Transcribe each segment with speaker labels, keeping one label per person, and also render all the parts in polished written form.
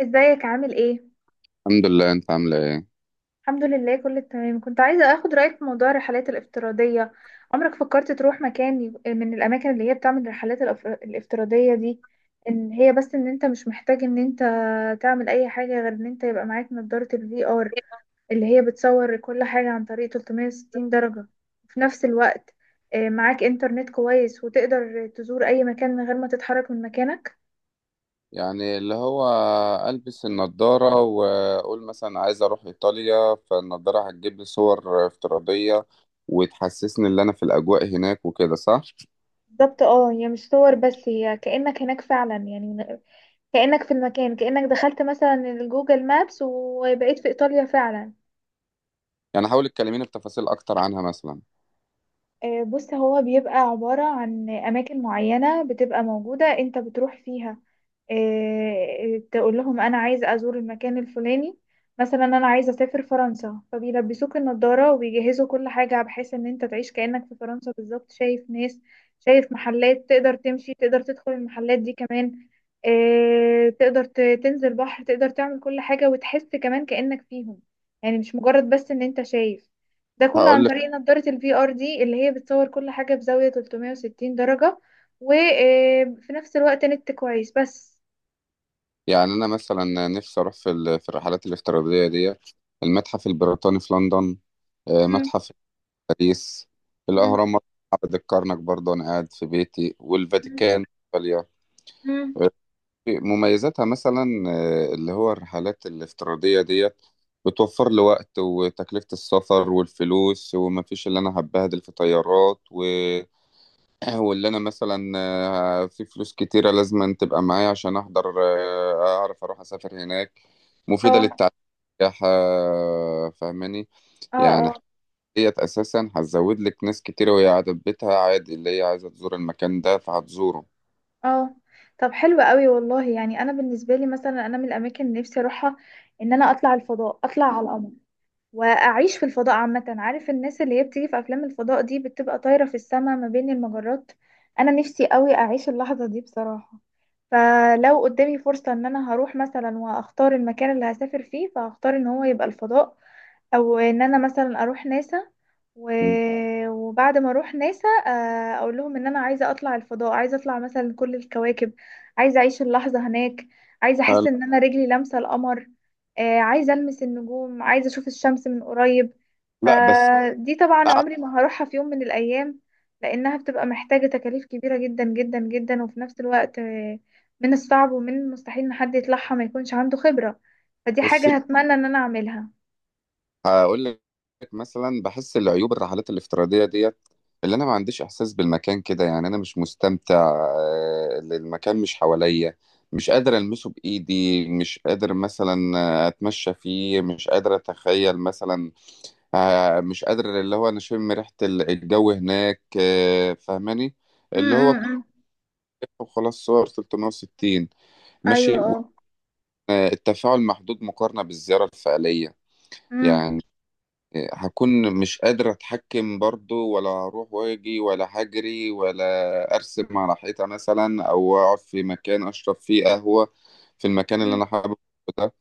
Speaker 1: ازيك عامل ايه؟
Speaker 2: الحمد لله، انت عامله ايه؟
Speaker 1: الحمد لله، كله تمام. كنت عايزة اخد رأيك في موضوع الرحلات الافتراضية. عمرك فكرت تروح مكان من الاماكن اللي هي بتعمل الرحلات الافتراضية دي؟ ان هي بس ان انت مش محتاج ان انت تعمل اي حاجة غير ان انت يبقى معاك نظارة الفي ار، اللي هي بتصور كل حاجة عن طريق 360 درجة. وفي نفس الوقت معاك انترنت كويس وتقدر تزور اي مكان من غير ما تتحرك من مكانك.
Speaker 2: يعني اللي هو البس النضاره واقول مثلا عايز اروح ايطاليا، فالنضاره هتجيب لي صور افتراضيه وتحسسني ان انا في الاجواء هناك وكده صح؟
Speaker 1: بالظبط، اه، هي مش صور، بس هي كأنك هناك فعلا، يعني كأنك في المكان، كأنك دخلت مثلا الجوجل مابس وبقيت في إيطاليا فعلا.
Speaker 2: يعني حاول تكلميني بتفاصيل اكتر عنها مثلا.
Speaker 1: بص، هو بيبقى عبارة عن أماكن معينة بتبقى موجودة أنت بتروح فيها. تقول لهم أنا عايز أزور المكان الفلاني. مثلا أنا عايز أسافر فرنسا، فبيلبسوك النضارة وبيجهزوا كل حاجة بحيث إن أنت تعيش كأنك في فرنسا بالظبط. شايف ناس، شايف محلات، تقدر تمشي، تقدر تدخل المحلات دي كمان. تقدر تنزل بحر، تقدر تعمل كل حاجة وتحس كمان كأنك فيهم. يعني مش مجرد بس إن أنت شايف. ده كله عن
Speaker 2: هقول لك،
Speaker 1: طريق نظارة ال VR دي اللي هي بتصور كل حاجة بزاوية 360 درجة. وفي نفس الوقت نت كويس بس.
Speaker 2: يعني انا مثلا نفسي اروح في الرحلات الافتراضيه دي. المتحف البريطاني في لندن،
Speaker 1: مم.
Speaker 2: متحف في باريس،
Speaker 1: مم.
Speaker 2: الاهرامات، معبد الكرنك برضه انا قاعد في بيتي،
Speaker 1: مم.
Speaker 2: والفاتيكان في ايطاليا.
Speaker 1: مم.
Speaker 2: مميزاتها مثلا اللي هو الرحلات الافتراضية ديت بتوفر لي وقت وتكلفة السفر والفلوس، ومفيش اللي أنا هبهدل في طيارات واللي أنا مثلا في فلوس كتيرة لازم تبقى معايا عشان أحضر، أعرف أروح أسافر هناك. مفيدة
Speaker 1: اه.
Speaker 2: للتعليم والسياحة، فاهماني؟
Speaker 1: اه.
Speaker 2: يعني
Speaker 1: اه.
Speaker 2: ديت أساسا هتزود لك ناس كتيرة وهي قاعدة في بيتها عادي، اللي هي عايزة تزور المكان ده فهتزوره.
Speaker 1: اه. طب، حلو قوي والله. يعني انا بالنسبة لي مثلا، انا من الاماكن اللي نفسي اروحها ان انا اطلع الفضاء، اطلع على القمر، واعيش في الفضاء عامه. عارف الناس اللي هي بتيجي في افلام الفضاء دي بتبقى طايره في السماء ما بين المجرات؟ انا نفسي قوي اعيش اللحظه دي بصراحه. فلو قدامي فرصه ان انا هروح مثلا واختار المكان اللي هسافر فيه، فهختار ان هو يبقى الفضاء، او ان انا مثلا اروح ناسا و...
Speaker 2: مم.
Speaker 1: وبعد ما اروح ناسا اقول لهم ان انا عايزه اطلع الفضاء، عايزه اطلع مثلا كل الكواكب، عايزه اعيش اللحظه هناك، عايزه احس
Speaker 2: هل-
Speaker 1: ان انا رجلي لامسه القمر، عايزه المس النجوم، عايزه اشوف الشمس من قريب.
Speaker 2: لا، بس
Speaker 1: فدي طبعا عمري ما هروحها في يوم من الايام، لانها بتبقى محتاجه تكاليف كبيره جدا جدا جدا. وفي نفس الوقت من الصعب ومن المستحيل ان حد يطلعها ما يكونش عنده خبره. فدي
Speaker 2: بص،
Speaker 1: حاجه هتمنى ان انا اعملها.
Speaker 2: هقول لك مثلا بحس العيوب الرحلات الافتراضية ديت، اللي انا ما عنديش احساس بالمكان كده. يعني انا مش مستمتع، المكان مش حواليا، مش قادر المسه بايدي، مش قادر مثلا اتمشى فيه، مش قادر اتخيل مثلا، مش قادر اللي هو انا اشم ريحة الجو هناك، فاهماني؟
Speaker 1: م-
Speaker 2: اللي هو
Speaker 1: م-
Speaker 2: كل
Speaker 1: م.
Speaker 2: خلاص، صور 360
Speaker 1: ايوه،
Speaker 2: ماشي
Speaker 1: اه.
Speaker 2: التفاعل محدود مقارنة بالزيارة الفعلية.
Speaker 1: امم.
Speaker 2: يعني هكون مش قادر اتحكم برضو ولا اروح واجي ولا هجري، ولا ارسم على حيطة مثلا او اقعد في مكان اشرب فيه قهوة في المكان اللي
Speaker 1: امم.
Speaker 2: انا حابه ده.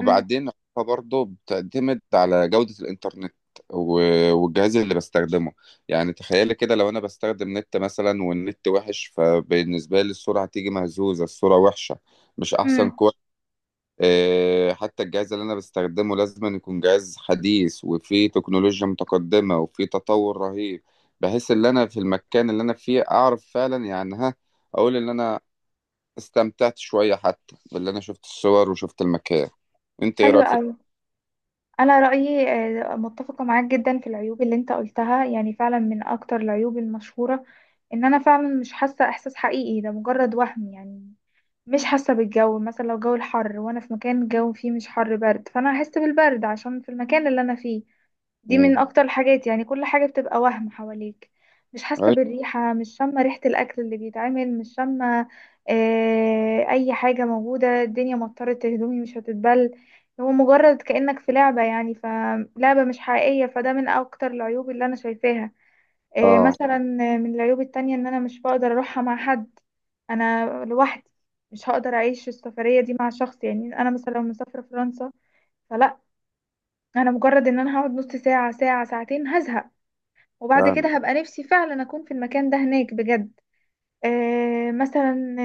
Speaker 1: امم.
Speaker 2: برضو بتعتمد على جودة الانترنت و- والجهاز اللي بستخدمه. يعني تخيلي كده لو انا بستخدم نت مثلا والنت وحش، فبالنسبة لي الصورة هتيجي مهزوزة، الصورة وحشة، مش احسن
Speaker 1: امم.
Speaker 2: كواليتي. حتى الجهاز اللي انا بستخدمه لازم أن يكون جهاز حديث وفيه تكنولوجيا متقدمة وفيه تطور رهيب، بحيث ان انا في المكان اللي انا فيه اعرف فعلا، يعني ها اقول ان انا استمتعت شوية حتى باللي انا شفت الصور وشفت المكان. انت ايه
Speaker 1: حلوة
Speaker 2: رايك في؟
Speaker 1: قوي. انا رأيي متفقة معاك جدا في العيوب اللي انت قلتها، يعني فعلا من اكتر العيوب المشهورة ان انا فعلا مش حاسة احساس حقيقي، ده مجرد وهم يعني. مش حاسة بالجو مثلا، لو الجو الحر وانا في مكان الجو فيه مش حر برد، فانا هحس بالبرد عشان في المكان اللي انا فيه. دي
Speaker 2: مم.
Speaker 1: من اكتر الحاجات، يعني كل حاجة بتبقى وهم حواليك. مش حاسة
Speaker 2: أي-
Speaker 1: بالريحة، مش شامة ريحة الاكل اللي بيتعمل، مش شامة اي حاجة موجودة. الدنيا مطرت، هدومي مش هتتبل. هو مجرد كأنك في لعبة، يعني فلعبة مش حقيقية، فده من اكتر العيوب اللي انا شايفاها. آه،
Speaker 2: اه،
Speaker 1: مثلا آه، من العيوب التانية ان انا مش بقدر اروحها مع حد، انا لوحدي. مش هقدر اعيش السفرية دي مع شخص، يعني انا مثلا لو مسافرة فرنسا، فلا، انا مجرد ان انا هقعد نص ساعة، ساعة، ساعتين، هزهق. وبعد
Speaker 2: فعلا،
Speaker 1: كده هبقى نفسي فعلا اكون في المكان ده هناك بجد. آه مثلا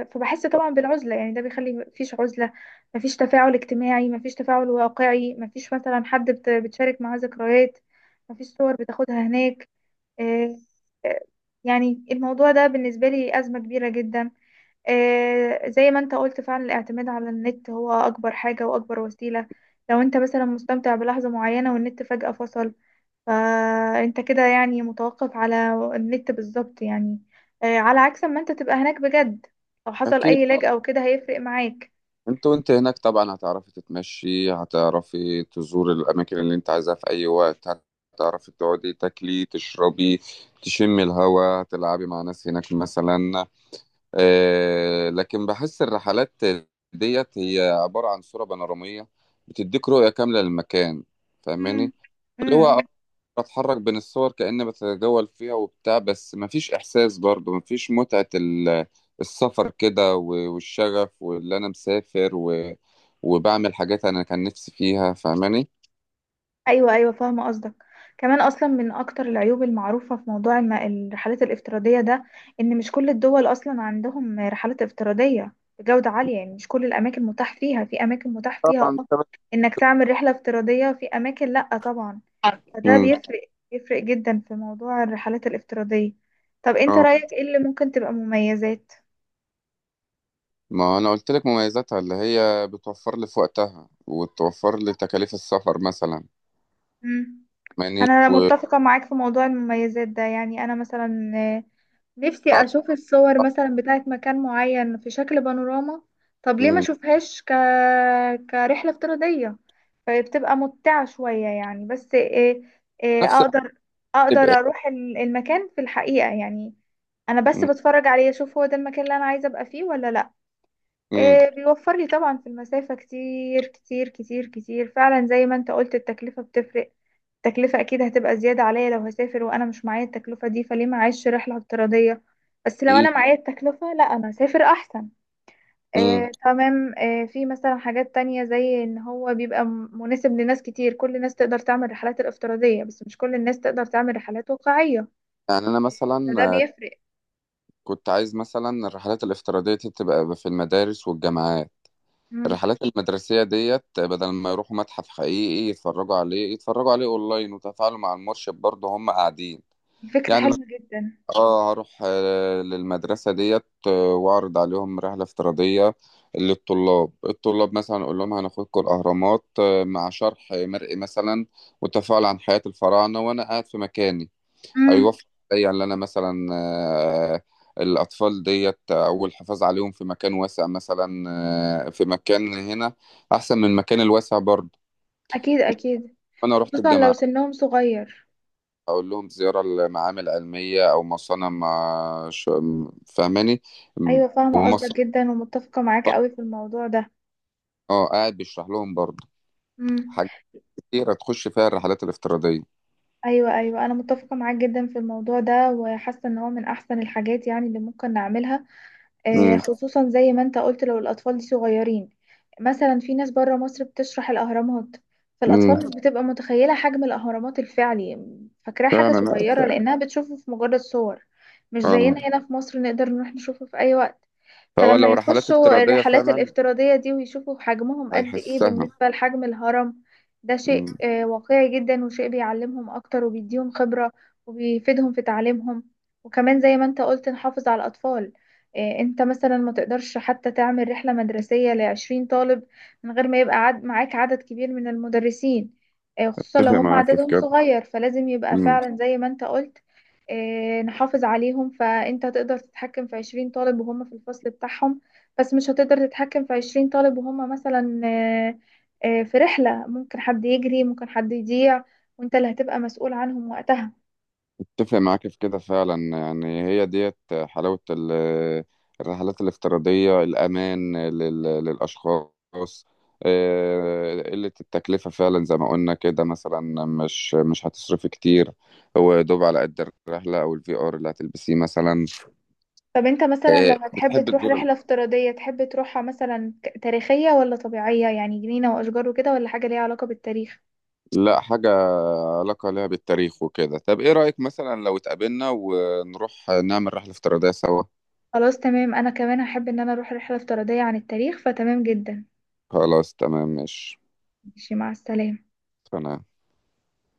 Speaker 1: آه فبحس طبعا بالعزله، يعني ده بيخلي مفيش عزله، مفيش تفاعل اجتماعي، مفيش تفاعل واقعي، مفيش مثلا حد بتشارك معاه ذكريات، مفيش صور بتاخدها هناك. آه آه، يعني الموضوع ده بالنسبه لي ازمه كبيره جدا. زي ما انت قلت، فعلا الاعتماد على النت هو اكبر حاجة واكبر وسيلة. لو انت مثلا مستمتع بلحظة معينة والنت فجأة فصل، فانت كده يعني متوقف على النت بالظبط، يعني على عكس ما انت تبقى هناك بجد. لو حصل
Speaker 2: اكيد.
Speaker 1: اي لاج بالظبط او كده هيفرق معاك.
Speaker 2: انت وانت هناك طبعا هتعرفي تتمشي، هتعرفي تزوري الاماكن اللي انت عايزاها في اي وقت، هتعرفي تقعدي تاكلي تشربي تشمي الهواء تلعبي مع ناس هناك مثلا. لكن بحس الرحلات ديت هي عبارة عن صورة بانورامية بتديك رؤية كاملة للمكان،
Speaker 1: مم.
Speaker 2: فاهماني؟ اللي هو
Speaker 1: مم.
Speaker 2: بتحرك بين الصور كأني بتجول فيها وبتاع، بس مفيش إحساس برضه، مفيش متعة السفر كده و- والشغف واللي أنا مسافر وبعمل حاجات أنا كان نفسي فيها، فاهماني؟
Speaker 1: ايوه، ايوه، فاهمه قصدك. كمان اصلا من اكتر العيوب المعروفه في موضوع الرحلات الافتراضيه ده، ان مش كل الدول اصلا عندهم رحلات افتراضيه بجوده عاليه، يعني مش كل الاماكن متاح فيها، في اماكن متاح فيها،
Speaker 2: طبعا
Speaker 1: اه،
Speaker 2: طبعاً.
Speaker 1: انك تعمل رحله افتراضيه، وفي اماكن لا طبعا. فده
Speaker 2: امم.
Speaker 1: بيفرق، بيفرق جدا في موضوع الرحلات الافتراضيه. طب انت
Speaker 2: اه.
Speaker 1: رايك ايه اللي ممكن تبقى مميزات؟
Speaker 2: ما أنا قلت لك مميزاتها اللي هي بتوفر لي في وقتها وتوفر لي تكاليف السفر مثلا،
Speaker 1: مم.
Speaker 2: فاهماني؟
Speaker 1: انا
Speaker 2: وصعب
Speaker 1: متفقه معاك في موضوع المميزات ده. يعني انا مثلا نفسي اشوف الصور مثلا بتاعت مكان معين في شكل بانوراما. طب ليه ما اشوفهاش كرحلة افتراضية؟ فبتبقى ممتعة شوية، يعني. بس إيه؟ إيه،
Speaker 2: نفس الوقت
Speaker 1: اقدر، اقدر
Speaker 2: يبقى-
Speaker 1: اروح المكان في الحقيقة، يعني انا بس
Speaker 2: مم.
Speaker 1: بتفرج عليه، اشوف هو ده المكان اللي انا عايزة ابقى فيه ولا لا.
Speaker 2: مم.
Speaker 1: إيه بيوفر لي طبعا في المسافة كتير كتير كتير كتير. فعلا زي ما انت قلت، التكلفة بتفرق. التكلفة أكيد هتبقى زيادة عليا، لو هسافر وأنا مش معايا التكلفة دي، فليه ما أعيش رحلة افتراضية؟ بس لو
Speaker 2: إيه؟
Speaker 1: أنا معايا التكلفة، لا، أنا هسافر أحسن.
Speaker 2: مم.
Speaker 1: آه، تمام، آه، في مثلا حاجات تانية، زي إن هو بيبقى مناسب لناس كتير. كل الناس تقدر تعمل رحلات الافتراضية، بس مش كل الناس تقدر تعمل رحلات واقعية،
Speaker 2: يعني أنا مثلا
Speaker 1: فده بيفرق.
Speaker 2: كنت عايز مثلا الرحلات الافتراضية دي تبقى في المدارس والجامعات،
Speaker 1: مم.
Speaker 2: الرحلات المدرسية ديت، بدل ما يروحوا متحف حقيقي يتفرجوا عليه اونلاين وتفاعلوا مع المرشد برضه هم قاعدين.
Speaker 1: دي فكرة
Speaker 2: يعني مثلا،
Speaker 1: حلوة جدا.
Speaker 2: اه هروح للمدرسة ديت، واعرض عليهم رحلة افتراضية للطلاب، الطلاب مثلا اقول لهم هناخدكم الاهرامات، مع شرح مرئي مثلا وتفاعل عن حياة الفراعنة وانا قاعد في مكاني.
Speaker 1: مم.
Speaker 2: هيوفر عليا ان انا مثلا الاطفال ديت او الحفاظ عليهم في مكان واسع مثلا، في مكان هنا احسن من المكان الواسع برضه.
Speaker 1: أكيد أكيد،
Speaker 2: انا رحت
Speaker 1: خصوصا لو
Speaker 2: الجامعه
Speaker 1: سنهم صغير.
Speaker 2: اقول لهم زياره لمعامل علميه او مصانع ما ش- فاهماني؟
Speaker 1: أيوة، فاهمة قصدك
Speaker 2: ومصانع،
Speaker 1: جدا ومتفقة معاك قوي في الموضوع ده.
Speaker 2: اه قاعد بيشرح لهم برضه
Speaker 1: مم.
Speaker 2: حاجات كتيره تخش فيها الرحلات الافتراضيه.
Speaker 1: ايوه، ايوه، انا متفقه معاك جدا في الموضوع ده، وحاسه ان هو من احسن الحاجات يعني اللي ممكن نعملها.
Speaker 2: امم.
Speaker 1: خصوصا زي ما انت قلت لو الاطفال دي صغيرين. مثلا في ناس بره مصر بتشرح الاهرامات،
Speaker 2: امم.
Speaker 1: فالاطفال مش بتبقى متخيله حجم الاهرامات الفعلي، فاكراها حاجه
Speaker 2: فعلا، لا،
Speaker 1: صغيره لانها بتشوفه في مجرد صور. مش
Speaker 2: اه،
Speaker 1: زينا هنا في مصر نقدر نروح نشوفه في اي وقت.
Speaker 2: فهو
Speaker 1: فلما
Speaker 2: لو رحلات
Speaker 1: يخشوا
Speaker 2: افتراضيه
Speaker 1: الرحلات
Speaker 2: فعلا
Speaker 1: الافتراضية دي ويشوفوا حجمهم قد ايه
Speaker 2: هيحسها.
Speaker 1: بالنسبة لحجم الهرم، ده شيء
Speaker 2: امم.
Speaker 1: واقعي جدا، وشيء بيعلمهم اكتر وبيديهم خبرة وبيفيدهم في تعليمهم. وكمان زي ما انت قلت، نحافظ على الاطفال. انت مثلا ما تقدرش حتى تعمل رحلة مدرسية ل20 طالب من غير ما يبقى عد معاك عدد كبير من المدرسين. خصوصا لو
Speaker 2: اتفق
Speaker 1: هم
Speaker 2: معاك في
Speaker 1: عددهم
Speaker 2: كده.
Speaker 1: صغير، فلازم يبقى فعلا زي ما انت قلت نحافظ عليهم. فانت هتقدر تتحكم في 20 طالب وهم في الفصل بتاعهم، بس مش هتقدر تتحكم في 20 طالب وهم مثلا في رحلة. ممكن حد يجري، ممكن حد يضيع، وانت اللي هتبقى مسؤول عنهم وقتها.
Speaker 2: اتفق معاك في كده فعلا، يعني هي ديت حلاوة الرحلات الافتراضية، الأمان للأشخاص، قلة التكلفة فعلا زي ما قلنا كده، مثلا مش هتصرفي كتير، هو دوب على قد الرحلة أو الفي آر اللي هتلبسيه مثلا.
Speaker 1: طب انت مثلا لو هتحب
Speaker 2: بتحب
Speaker 1: تروح
Speaker 2: تزور
Speaker 1: رحلة افتراضية، تحب تروحها مثلا تاريخية، ولا طبيعية يعني جنينة واشجار وكده، ولا حاجة ليها علاقة بالتاريخ؟
Speaker 2: لا، حاجة علاقة لها بالتاريخ وكده. طب إيه رأيك مثلا لو اتقابلنا ونروح نعمل رحلة افتراضية سوا؟
Speaker 1: خلاص، تمام، انا كمان هحب ان انا اروح رحلة افتراضية عن التاريخ، فتمام جدا.
Speaker 2: خلاص تمام، ماشي.
Speaker 1: ماشي مع السلامة.
Speaker 2: أنا